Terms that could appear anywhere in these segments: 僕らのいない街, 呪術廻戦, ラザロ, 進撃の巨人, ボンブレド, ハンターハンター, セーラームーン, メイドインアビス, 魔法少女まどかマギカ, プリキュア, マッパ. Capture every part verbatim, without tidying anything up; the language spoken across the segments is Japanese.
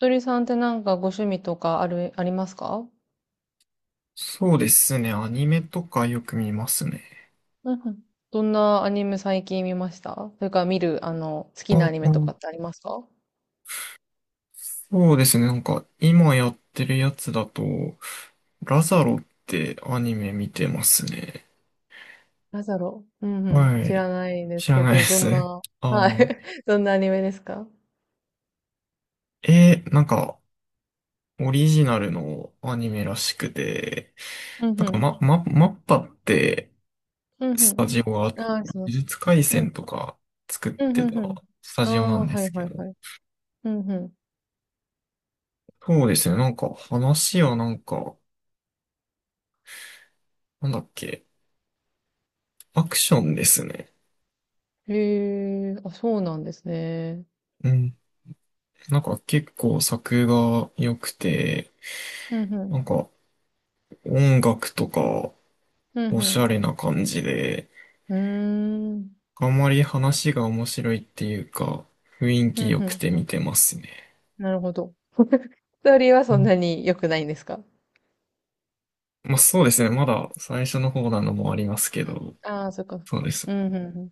とりさんってなんかご趣味とかある、ありますか？そうですね。アニメとかよく見ますね。うんうん。どんなアニメ最近見ました？それから見る、あの、好きなあ、アニうメとん。かってありますか？そうですね。なんか、今やってるやつだと、ラザロってアニメ見てますね。なんだろう。うんうん。は知い。らないで知すらけないでど、どす。んな。はい。あ あ。どんなアニメですか？えーなんか、オリジナルのアニメらしくて、うんなんうか、ん。ま、ま、マッパって、うんうスタん。ジオが、呪ああ、します。術廻うん。戦とか作っうんてうんうたスタん。あジオなあ、んではすいけはいど、はい。うんうん。そうですね。なんか、話はなんか、なんだっけ。アクションですね。へえ、あ、そうなんですね。うん。なんか結構作が良くて、うんうなん。んか音楽とかうんおうしん。ゃれな感じで、うーん。あんまり話が面白いっていうか、雰囲う気ん良うくん。て見てますね。なるほど。ストーリーはうそんん。なに良くないんですか？まあそうですね。まだ最初の方なのもありますけど、ああ、そっかそっそうか。です。うん、うん、うん。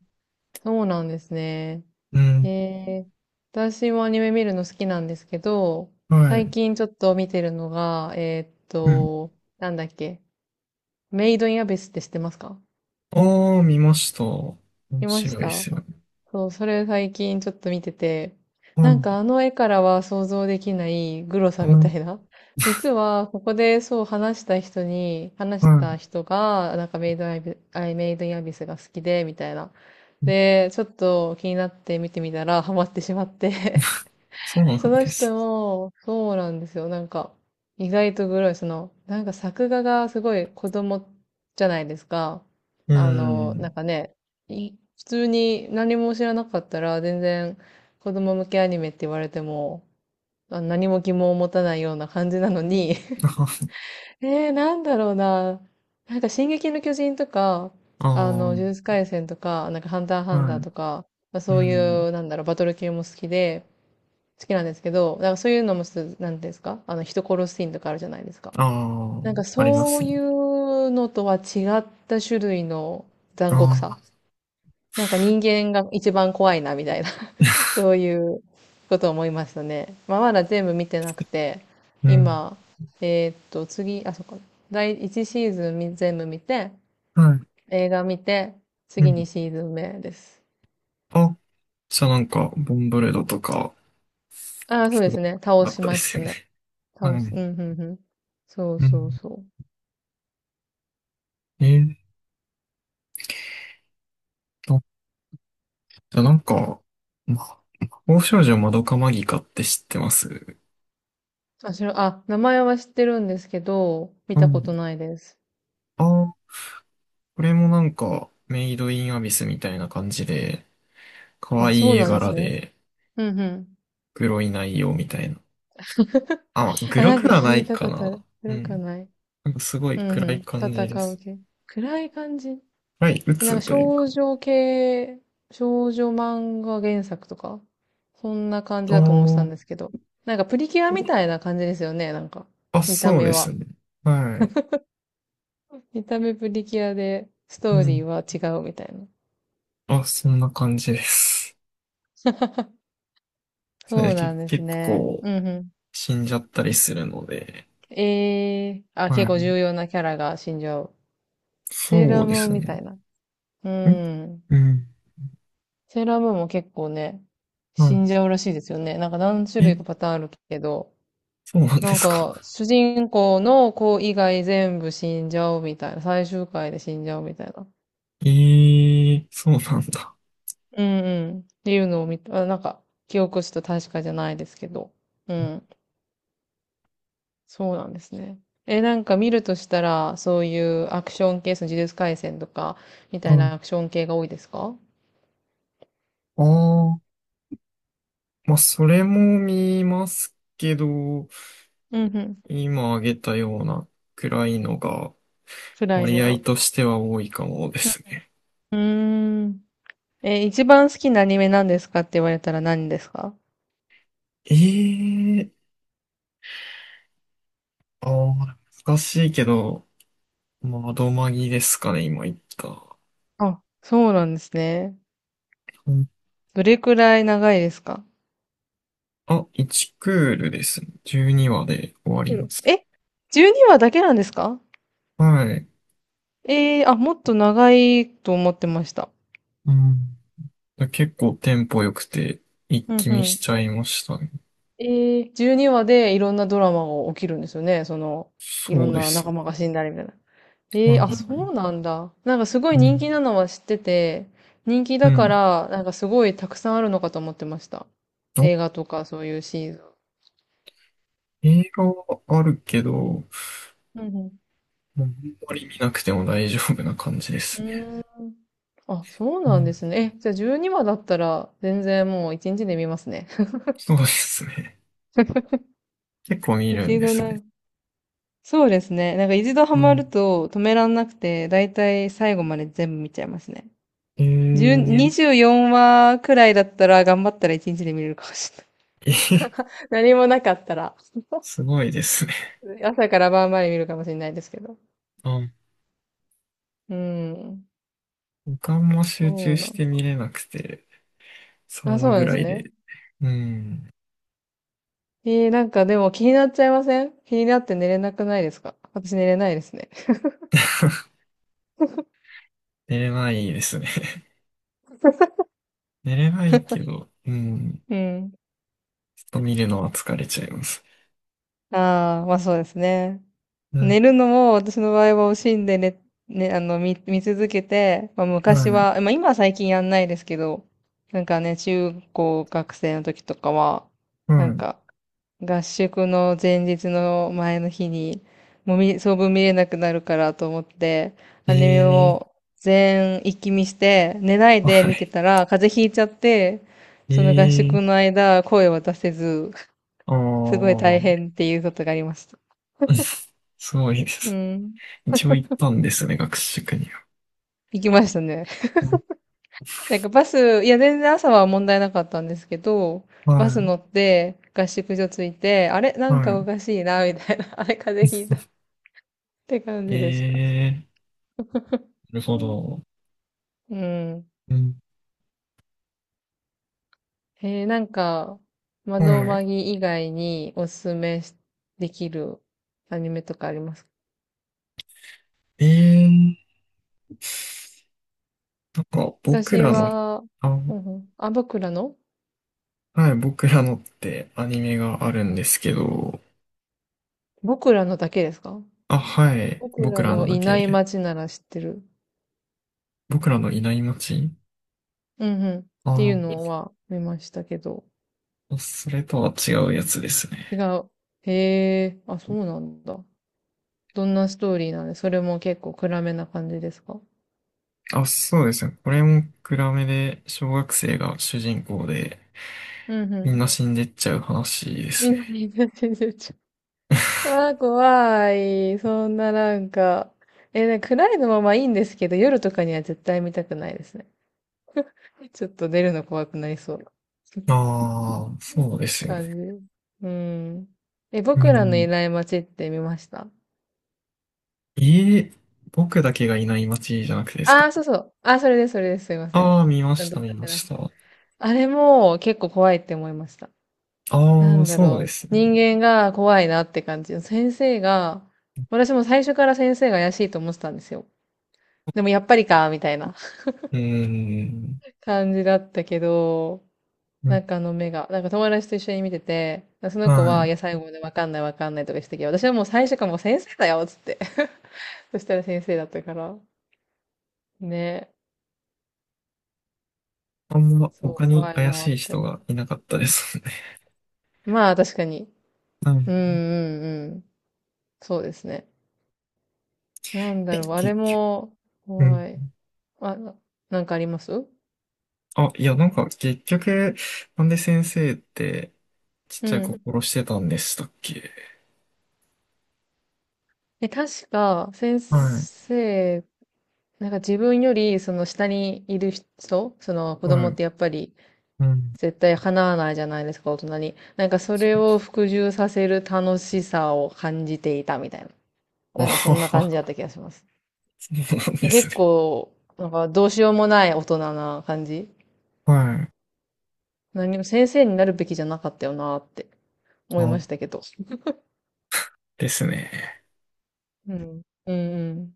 そうなんですね。うへん。え。私もアニメ見るの好きなんですけど、は最い。近ちょっと見てるのが、えーっうん。と、なんだっけ。メイドインアビスって知ってますか？ああ、見ました。面見まし白いでた。すよね。そう、それ最近ちょっと見てて、うなんんかあの絵からは想像できないグロさうみたん。いな。実は、ここでそう話した人に、話したは人が、なんかメイドインアイメイドインアビスが好きで、みたいな。い。で、ちょっと気になって見てみたら、ハマってしまって、そうなそんので人す。も、そうなんですよ。なんか、意外とグロい。その、なんか作画がすごい子供じゃないですか。うあの、なんん。かね、い普通に何も知らなかったら、全然子供向けアニメって言われても、あ何も疑問を持たないような感じなのに、えー、なんだろうな。なんか、進撃の巨人とか、ああは、の、呪術あ廻戦とか、なんか、ハンターあ、ハンタはーい。とか、まあ、うそうん。いう、なんだろう、バトル系も好きで、好きなんですけど、だからそういうのもす、なんていうんですか、あの、人殺すシーンとかあるじゃないですか。あなんかあ、ありまそうすいね。うのとは違った種類のあ残酷さ。あ、なんか人間が一番怖いな、みたいな。 そういうことを思いましたね。まあ、まだ全部見てなくて、うん。今、えーっと、次、あ、そっか。だいいちシーズンみ全部見て、はい。映画見て、う次にん。シーズン目です。あ、じゃあなんか、ボンブレドとか、ああ、そすうでごいすね。倒あっしたでましすたよね。ね。倒はす。うい。ん、うん、うん。そううそうん。そう。えーっと、じゃあなんか、魔法少女まどかマギカって知ってます？あ、しろ、あ、名前は知ってるんですけど、見うたことん。ないです。ああ、これもなんか、メイドインアビスみたいな感じで、可あ、愛そいう絵なんです柄ね。で、うんうん。グロい内容みたいな。あ、グあ、ロなんくかはな聞いいたかことあな。る。う暗かん。ない？なんかすごいうんう暗いん。感じで戦うす。系。暗い感じ。はい、なん鬱かというか。少女系、少女漫画原作とか、そんな感じだと思ってたんであすけど。なんかプリキュアみたいな感じですよね、なんか。あ、あ、見たそう目では。すね。はい。見た目プリキュアで、スうトーリーん。は違うみたいな。あ、そんな感じです。そそね、うけ、なんです結ね。構うんうん。死んじゃったりするので。ええあ、は結構い。重要なキャラが死んじゃう。セーラそーうでムーンすみたね。いな。うんん。うん。セーラームーンも結構ね、死んじはゃうらしいですよね。なんか何種い。類え、かパターンあるけど、そうなんでなんすか。か主人公の子以外全部死んじゃうみたいな。最終回で死んじゃうみたいな。えー、そうなんだ。うんうん。っていうのを見た、あなんか記憶したと確かじゃないですけど。うん。そうなんですね。え、なんか見るとしたら、そういうアクション系、その呪術廻戦とか、みうたいん。なアクション系が多いですか？ああ、まあ、それも見ますけど、うんうん。今挙げたようなくらいのが辛いの割合が。としては多いかもでうすん。ね。うーん。え、一番好きなアニメ何ですかって言われたら何ですか？ええ、ああ、難しいけど、まあ、どまぎですかね、今言った。あ、そうなんですね。うん。どれくらい長いですか？あ、いちクールですね。じゅうにわで終わりうまん、す。え？ じゅうに 話だけなんですか？はい。えー、あ、もっと長いと思ってました。うん。結構テンポ良くて、一うん気う見しん。ちゃいましたね。ええ、じゅうにわでいろんなドラマが起きるんですよね。その、いろそうんでなす。仲間が死んだりみたいな。えうえん。あ、そううなんだ。なんかすごいん。人気なのは知ってて、人気うだかん。ら、なんかすごいたくさんあるのかと思ってました。あ、映画とかそういうシーズン。映画はあるけど、もうんうあんまり見なくても大丈夫な感じですうね。ん。うーん。あ、そううなんでん。すね。え、じゃあじゅうにわだったら全然もういちにちで見ますね。そうですね。結構見るん一で度すなね。んか、そうですね。なんか一度ハうマるん。と止めらんなくて、だいたい最後まで全部見ちゃいますね。えじゅう ー、にじゅうよんわくらいだったら頑張ったらいちにちで見れるかもしれない。え、何もなかったら。すごいですね。朝から晩まで見るかもしれないですけど。あ、うん。時間も集そ中うなしん。て見れなくて、そあ、そのうなんぐでらすいね。で、うん、えー、なんかでも気になっちゃいません？気になって寝れなくないですか？私寝れないですね。寝れないですね。寝れないけど、うん、うん。ちょっと見るのは疲れちゃいます。ああ、まあそうですね。うん、寝るのも私の場合は惜しんでね、ね、あの、見、見続けて、まあ、は昔い、は、まあ、今は最近やんないですけど、なんかね、中高学生の時とかは、うなんん、か、合宿の前日の前の日に、もう見、相分見れなくなるからと思って、アニメえをえ全一気見して、寝ないー、では見てい、たら、風邪ひいちゃって、えその合えー、宿の間、声を出せず、すごいああ、大変っていうことがありました。うん。 すごいでうす。ん。一応行ったんですね、学習塾には。行きましたね。うん。 なんかバス、いや全然朝は問題なかったんですけど、バス乗はって合宿所着いて、あれない、んはかおかしいな、みたいな。あれ風邪ひいた。って感い、じでした。ええー、なるほど。うん。うん、えー、なんか、窓はい、マギ以外におすすめしできるアニメとかありますか？ええー、なんか僕私らの、は、あ、うんうん、あ、僕らの、はい、僕らのってアニメがあるんですけど、僕らのだけですか？あ、はい、僕僕ららののだいけないで、街なら知ってる。僕らのいない街？うんうん。っていうのあは見ましたけど。あ、それとは違うやつですね。違う。へえ、あ、そうなんだ。どんなストーリーなんで、それも結構暗めな感じですか？あ、そうですね。これも暗めで、小学生が主人公で、うんうみん。んな死んでっちゃう話です南ね。の真珠ちゃん。わあ、怖い。そんななんか。え、なんか暗いのままいいんですけど、夜とかには絶対見たくないですね。ちょっと出るの怖くなりそう。ああ、そ うですよね。感じ。うん。え、う僕らのいん。ない街って見ました？ええ、僕だけがいない街じゃなくてですあか？あー、そうそう。あー、それです、それです。すいません。ああ、見まちゃしんとた、覚見えまてない。した。あれも結構怖いって思いました。なああ、んだそうろですう。ね。人間が怖いなって感じ。先生が、私も最初から先生が怪しいと思ってたんですよ。でもやっぱりか、みたいな。 うーん。感じだったけど、うなん。んかあの目が、なんか友達と一緒に見てて、その子はは、い。いや、最後までわかんないわかんないとかしてたけど、私はもう最初からもう先生だよ、つって。そしたら先生だったから。ね。あんまそう、他に怖い怪なしっい人て。がいなかったですね。まあ、確かに。ううんうんん。うん。そうですね。なんえ、だろう、あれ結局。も、うん。怖い。あ、なんかあります？あ、いや、なんか結局、なんで先生ってちっうちゃい子ん。殺してたんでしたっけ？え、確か、先はい。生、なんか自分より、その下にいる人、その子は供っい。てやっぱり、うん。絶対叶わないじゃないですか、大人に。なんかそれを服従させる楽しさを感じていたみたいな。あなんかそはんな感じだっは、た気がします。そうなんです結ね。構、なんかどうしようもない大人な感じ。はい。何も先生になるべきじゃなかったよなって思いあ、ましたけど。ですね。うん。うんうん。